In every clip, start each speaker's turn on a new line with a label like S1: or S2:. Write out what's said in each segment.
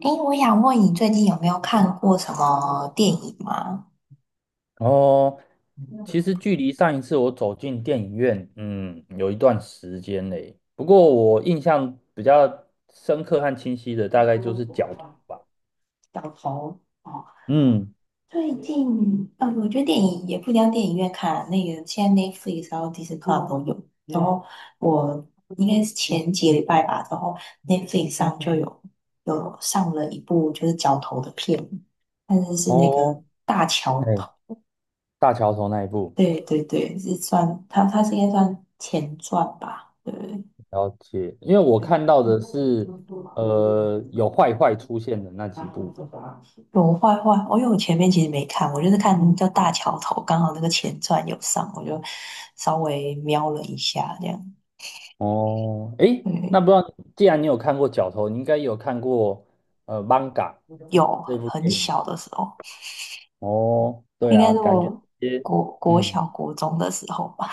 S1: 哎，我想问你最近有没有看过什么电影吗？
S2: 哦，其实距离上一次我走进电影院，有一段时间嘞。不过我印象比较深刻和清晰的，大概就是角头吧。嗯。
S1: 最近，我觉得电影也不一定要电影院看啊那个现在 Netflix 然后 Disney Plus 都有。然后我应该是前几个礼拜吧，然后 Netflix 上就有上了一部就是角头的片，但是是那个
S2: 哦，
S1: 大桥
S2: 哎，
S1: 头。
S2: 大桥头那一部，
S1: 对对对，是算它是应该算前传吧？对。
S2: 了解。因为我看到的是，有坏坏出现的那几部。
S1: 有坏坏，我因为我前面其实没看，我就是看叫大桥头，刚好那个前传有上，我就稍微瞄了一下，这样。
S2: 哦，哎，那
S1: 对，
S2: 不知道，既然你有看过角头，你应该也有看过《Manga》
S1: 有
S2: 这部
S1: 很
S2: 电影。
S1: 小的时候，
S2: 哦，对
S1: 应该
S2: 啊，
S1: 是
S2: 感觉这
S1: 我
S2: 些。
S1: 国国
S2: 嗯。
S1: 小国中的时候吧，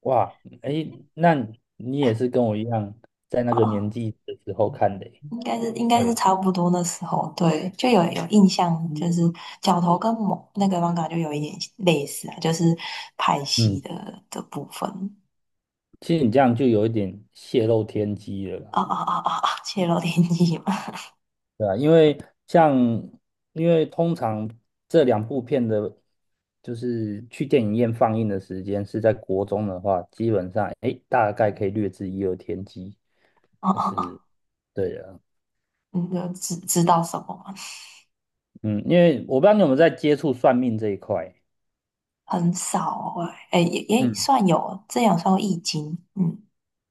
S2: 哇，哎，那你也是跟我一样，在那个年
S1: 啊，
S2: 纪的时候看的诶。
S1: 应该是
S2: 对。
S1: 差不多那时候，对，就有印象，就是角头跟某那个 manga 就有一点类似啊，就是拍戏
S2: 嗯，
S1: 的部分。
S2: 其实你这样就有一点泄露天机了啦，
S1: 啊啊啊啊！啊！泄露天机嘛，
S2: 对吧？因为像，因为通常这两部片的，就是去电影院放映的时间是在国中的话，基本上，哎，大概可以略知一二天机，
S1: 啊
S2: 就
S1: 啊
S2: 是，
S1: 啊！
S2: 对啊。
S1: 你就知道什么吗？
S2: 嗯，因为我不知道你有没有在接触算命这一块。
S1: 很少哎也
S2: 嗯。
S1: 算有，这样算易经，嗯，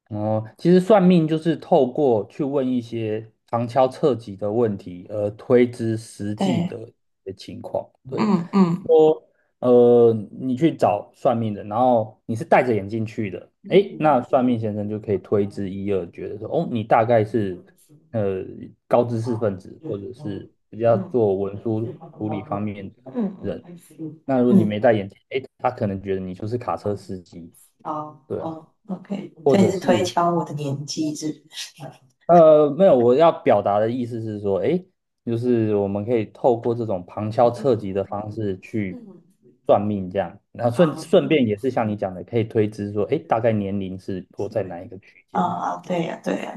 S2: 哦，其实算命就是透过去问一些旁敲侧击的问题，而推知实际
S1: 对，
S2: 的一些情况。对，
S1: 嗯嗯
S2: 说你去找算命的，然后你是戴着眼镜去的，诶，那算
S1: 嗯
S2: 命先生就可以推知一二，觉得说，哦，你大概是呃高知识分子，或者是比较
S1: 嗯
S2: 做文书处理方面的
S1: 嗯，
S2: 人。那如果你
S1: 嗯，
S2: 没戴眼镜，诶，他可能觉得你就是卡车司机，
S1: 哦
S2: 对啊，
S1: 哦，OK，
S2: 或
S1: 所以你
S2: 者
S1: 是推
S2: 是
S1: 敲我的年纪是不是？
S2: 没有，我要表达的意思是说，诶，就是我们可以透过这种旁敲侧击的方式去算命，这样，然后
S1: 啊，
S2: 顺便
S1: 嗯，
S2: 也是像你讲的，可以推知说，诶，大概年龄是落在哪一个区间，
S1: 啊，对呀，对呀，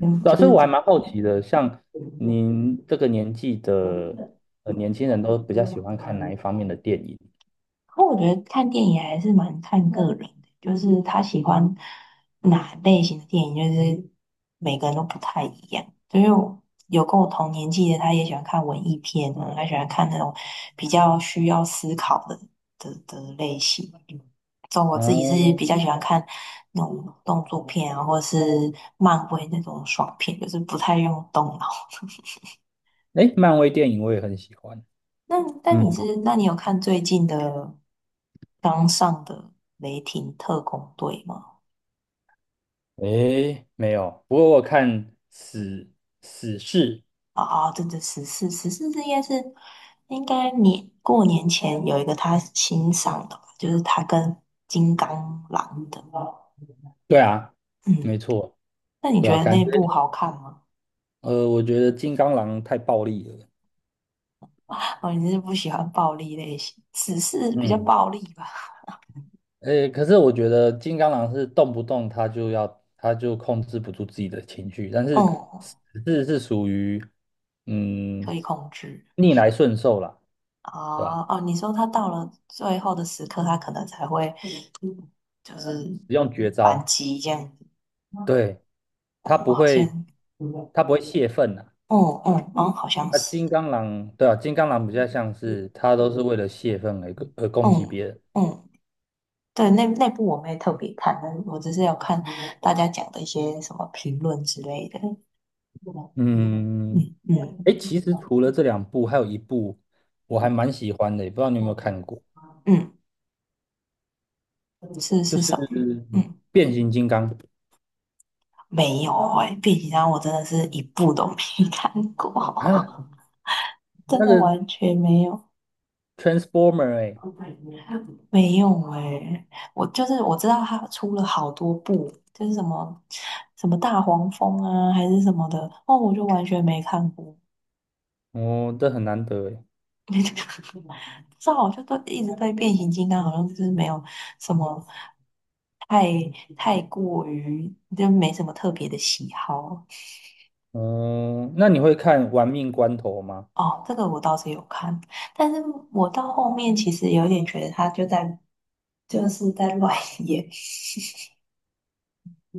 S1: 嗯，
S2: 对
S1: 就
S2: 啊，所以我还
S1: 是。
S2: 蛮好奇的，像您这个年纪的年轻人都比较喜欢看哪一方面的电影？
S1: 不我觉得看电影还是蛮看个人的，就是他喜欢哪类型的电影，就是每个人都不太一样。就是我有跟我同年纪的，他也喜欢看文艺片啊，他喜欢看那种比较需要思考的的类型。嗯，所以我自己是
S2: 哦，
S1: 比较喜欢看那种动作片啊，或者是漫威那种爽片，就是不太用动脑。
S2: 诶，漫威电影我也很喜欢。
S1: 那但你
S2: 嗯，
S1: 是，那你有看最近的刚上的《雷霆特工队》吗？
S2: 诶，没有，不过我看死死侍，
S1: 啊啊，对对，十四这应该是应该年过年前有一个他新上的吧，就是他跟金刚狼的。
S2: 对啊，没
S1: 嗯，
S2: 错。
S1: 那你
S2: 对
S1: 觉
S2: 啊，
S1: 得
S2: 感
S1: 那
S2: 觉
S1: 部好看吗？
S2: 我觉得金刚狼太暴力了。
S1: 哦，你是不喜欢暴力类型，十四比较
S2: 嗯，
S1: 暴力吧？
S2: 诶，可是我觉得金刚狼是动不动他就要，他就控制不住自己的情绪，但是
S1: 嗯，
S2: 狮子是属于嗯
S1: 可以控制。
S2: 逆来顺受啦，对吧？
S1: 啊哦，你说他到了最后的时刻，他可能才会就是
S2: 使用绝
S1: 反
S2: 招，
S1: 击这样子。
S2: 对，
S1: 哦，
S2: 他不
S1: 好
S2: 会，
S1: 像
S2: 他不会泄愤啊。
S1: 嗯嗯哦，好像
S2: 那
S1: 是，
S2: 金刚狼，对啊，金刚狼比较像是他都是为了泄愤而攻击
S1: 嗯
S2: 别人。
S1: 嗯，对，那那部我没特别看，但是我只是有看大家讲的一些什么评论之类的，
S2: 嗯，
S1: 嗯
S2: 哎，
S1: 嗯
S2: 其实除了这两部，还有一部我还蛮喜欢的，也不知道你有没有看过，
S1: 嗯，是
S2: 就
S1: 是
S2: 是
S1: 什么？嗯，
S2: 变形金刚
S1: 没有变形金刚我真的是一部都没 看过，
S2: 啊，
S1: 真
S2: 那
S1: 的
S2: 个
S1: 完全没有
S2: Transformer 哎。
S1: 没有我就是我知道它出了好多部，就是什么什么大黄蜂啊还是什么的，哦，我就完全没看过，
S2: 哦，这很难得哎。
S1: 这好像都一直对变形金刚，好像就是没有什么太太过于，就没什么特别的喜好。
S2: 嗯，那你会看《玩命关头》吗？
S1: 哦，这个我倒是有看，但是我到后面其实有点觉得他就在就是在乱演。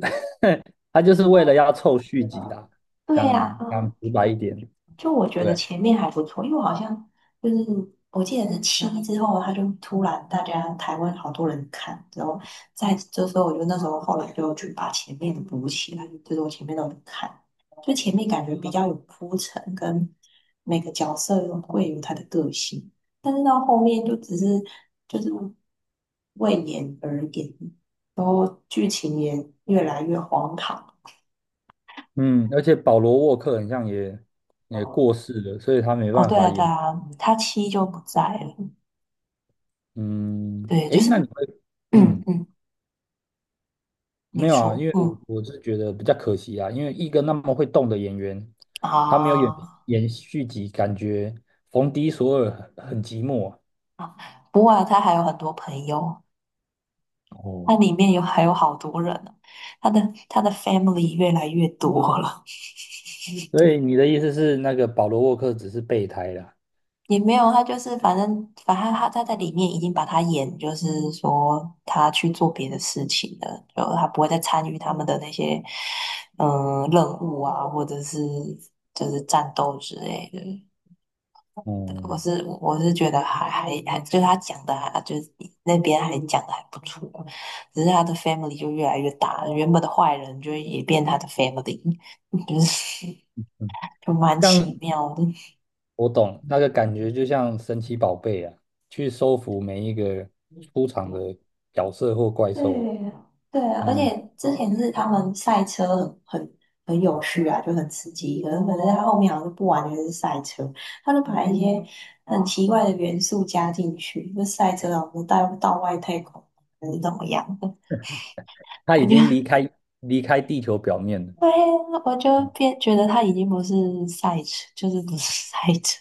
S2: 他就是为了要凑续集啦，
S1: 对
S2: 讲
S1: 呀，
S2: 讲
S1: 嗯
S2: 直白一点，
S1: 就我觉得
S2: 对。
S1: 前面还不错，因为我好像就是我记得是七之后，他就突然大家台湾好多人看，然后在这时候我就那时候后来就去把前面的补起来，就是我前面都有看，就前面感觉比较有铺陈，跟每个角色有会有他的个性，但是到后面就只是就是为演而演，然后剧情也越来越荒唐。
S2: 嗯，而且保罗沃克很像也也过世了，所以他没
S1: 哦，
S2: 办
S1: 对
S2: 法
S1: 啊，对
S2: 演。
S1: 啊，他七就不在了。
S2: 嗯，
S1: 对，
S2: 哎，
S1: 就是
S2: 那你会，
S1: 嗯
S2: 嗯。
S1: 嗯，
S2: 没
S1: 你
S2: 有啊，因
S1: 说，
S2: 为我
S1: 嗯
S2: 我是觉得比较可惜啊，因为一个那么会动的演员，他没有演
S1: 啊
S2: 演续集，感觉冯迪索尔很寂寞啊。
S1: 啊，不过啊，他还有很多朋友，
S2: 哦，
S1: 他里面有还有好多人呢，他的他的 family 越来越多了，
S2: 所以你的意思是，那个保罗沃克只是备胎啦？
S1: 也没有，他就是反正反正他在里面已经把他演，就是说他去做别的事情了，就他不会再参与他们的那些嗯、任务啊，或者是就是战斗之类的，
S2: 哦，
S1: 我是觉得还，就是他讲的还就是那边还讲的还不错，只是他的 family 就越来越大，原本的坏人就也变他的 family，就是
S2: 嗯，
S1: 就蛮
S2: 像
S1: 奇妙的。
S2: 我懂那个感觉，就像神奇宝贝啊，去收服每一个出场的角色或怪
S1: 对
S2: 兽。
S1: 对啊，而
S2: 嗯，
S1: 且之前是他们赛车很很有趣啊，就很刺激，可是他后面好像就不完全是赛车，他就把一些很奇怪的元素加进去，就赛车啊，我们带到外太空还是怎么样？
S2: 他已
S1: 我觉
S2: 经离
S1: 得。
S2: 开离开地球表面了。
S1: 对呀，我就变觉得他已经不是赛车，就是不是 赛车，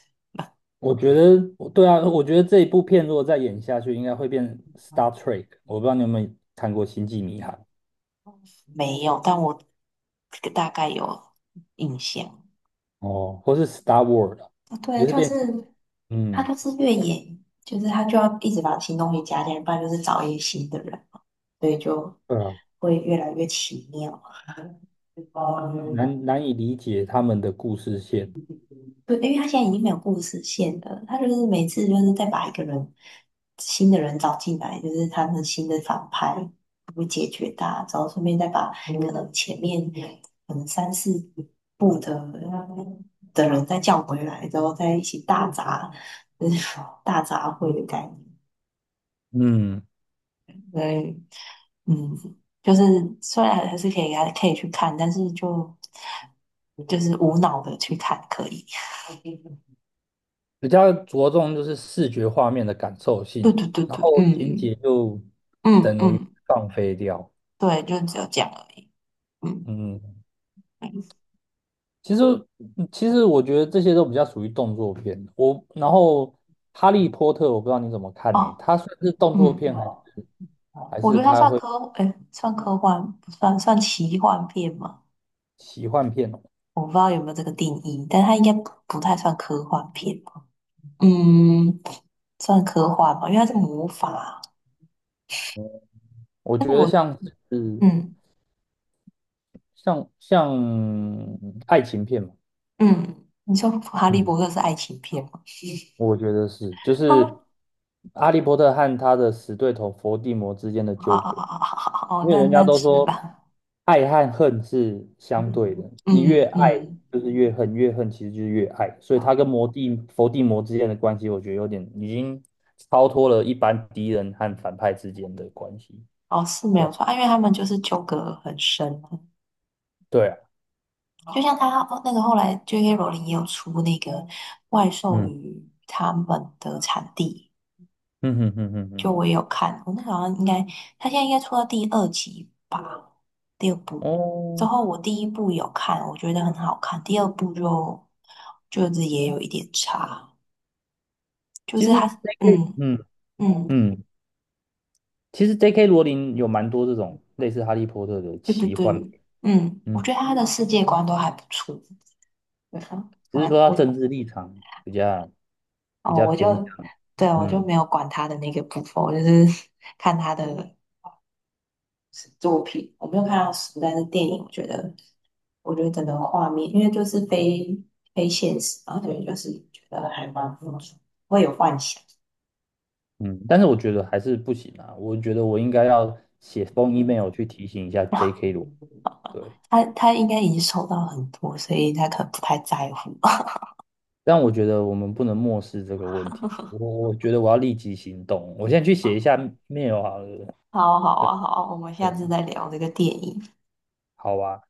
S2: 我觉得，对啊，我觉得这一部片如果再演下去，应该会变 Star Trek。我不知道你有没有看过《星际迷航》？
S1: 没有，但我大概有印象。
S2: 哦，或是 Star Wars,啊
S1: 啊，对，
S2: 就是
S1: 就
S2: 变。
S1: 是他
S2: 嗯，
S1: 就是越野，就是他就要一直把新东西加进来，不然就是找一些新的人，所以就
S2: 对啊，
S1: 会越来越奇妙。
S2: 难以理解他们的故事线。
S1: 对，因为他现在已经没有故事线了，他就是每次就是再把一个人新的人找进来，就是他们新的反派会解决他，然后顺便再把可能前面可能三四部的人再叫回来，然后再一起大杂，就是 大杂烩的概念。
S2: 嗯，
S1: 所以，嗯，就是虽然还是可以去看，但是就就是无脑的去看可以。
S2: 比较着重就是视觉画面的感受
S1: 对
S2: 性，
S1: 对对
S2: 然
S1: 对，
S2: 后情
S1: 嗯
S2: 节就
S1: 嗯
S2: 等于
S1: 嗯。
S2: 放飞掉。
S1: 对，就只有这样而已。嗯，
S2: 嗯，
S1: 嗯
S2: 其实，其实我觉得这些都比较属于动作片。我然后《哈利波特》，我不知道你怎么看呢、
S1: 哦，
S2: 它算是动作
S1: 嗯，
S2: 片还是还
S1: 我觉
S2: 是
S1: 得它
S2: 它
S1: 算
S2: 会
S1: 科，哎，算科幻不算，算奇幻片吗？
S2: 奇幻片哦，
S1: 我不知道有没有这个定义，但它应该不太算科幻片吧。嗯，算科幻吧，因为它是魔法。
S2: 我
S1: 但
S2: 觉
S1: 是
S2: 得
S1: 我，
S2: 像是
S1: 嗯
S2: 像像爱情片嘛。
S1: 嗯，你说《哈利波
S2: 嗯，
S1: 特》是爱情片吗？
S2: 我觉得是，就是
S1: 啊
S2: 《哈利波特》和他的死对头伏地魔之间的
S1: 啊
S2: 纠
S1: 啊
S2: 葛。
S1: 啊啊！哦，
S2: 因为
S1: 那
S2: 人家
S1: 那
S2: 都
S1: 是
S2: 说
S1: 吧。
S2: 爱和恨是相对的，你越
S1: 嗯
S2: 爱
S1: 嗯，
S2: 就是越恨，越恨其实就是越爱，所以他跟魔帝佛帝魔之间的关系，我觉得有点已经超脱了一般敌人和反派之间的关系。
S1: 哦，是没有错啊因为他们就是纠葛很深。
S2: 对啊。
S1: 就像他那个后来 J.K. 罗琳也有出那个怪兽
S2: 嗯，
S1: 与他们的产地，
S2: 嗯哼哼哼
S1: 就
S2: 哼。
S1: 我也有看，我那时候好像应该他现在应该出到第二集吧，第二部。之
S2: 哦，
S1: 后我第一部有看，我觉得很好看，第二部就就是也有一点差，就
S2: 其
S1: 是
S2: 实
S1: 他
S2: J.K.
S1: 嗯嗯
S2: 嗯，其实 J.K. 罗琳有蛮多这种类似哈利波特的
S1: 对对
S2: 奇幻
S1: 对
S2: 片。
S1: 嗯，我
S2: 嗯，
S1: 觉得他的世界观都还不错，对啊，
S2: 只是说
S1: 蛮
S2: 他
S1: 我
S2: 政治立场比较比
S1: 哦
S2: 较
S1: 我
S2: 偏
S1: 就
S2: 向。
S1: 对我就
S2: 嗯。
S1: 没有管他的那个部分，我就是 看他的。作品，我没有看到书，但是电影，我觉得，我觉得整个画面，因为就是非现实嘛，所以就是觉得还蛮不错，会有幻想。
S2: 嗯，但是我觉得还是不行啊，我觉得我应该要写封 email 去提醒一下
S1: 哇，
S2: J.K. 罗，对，
S1: 他他应该已经收到很多，所以他可能不太在乎。
S2: 但我觉得我们不能漠视这个问题，我觉得我要立即行动，我现在去写一下 mail 好了，
S1: 好啊好
S2: 对，
S1: 啊，好啊我们下
S2: 对啊，
S1: 次再聊这个电影。
S2: 好吧。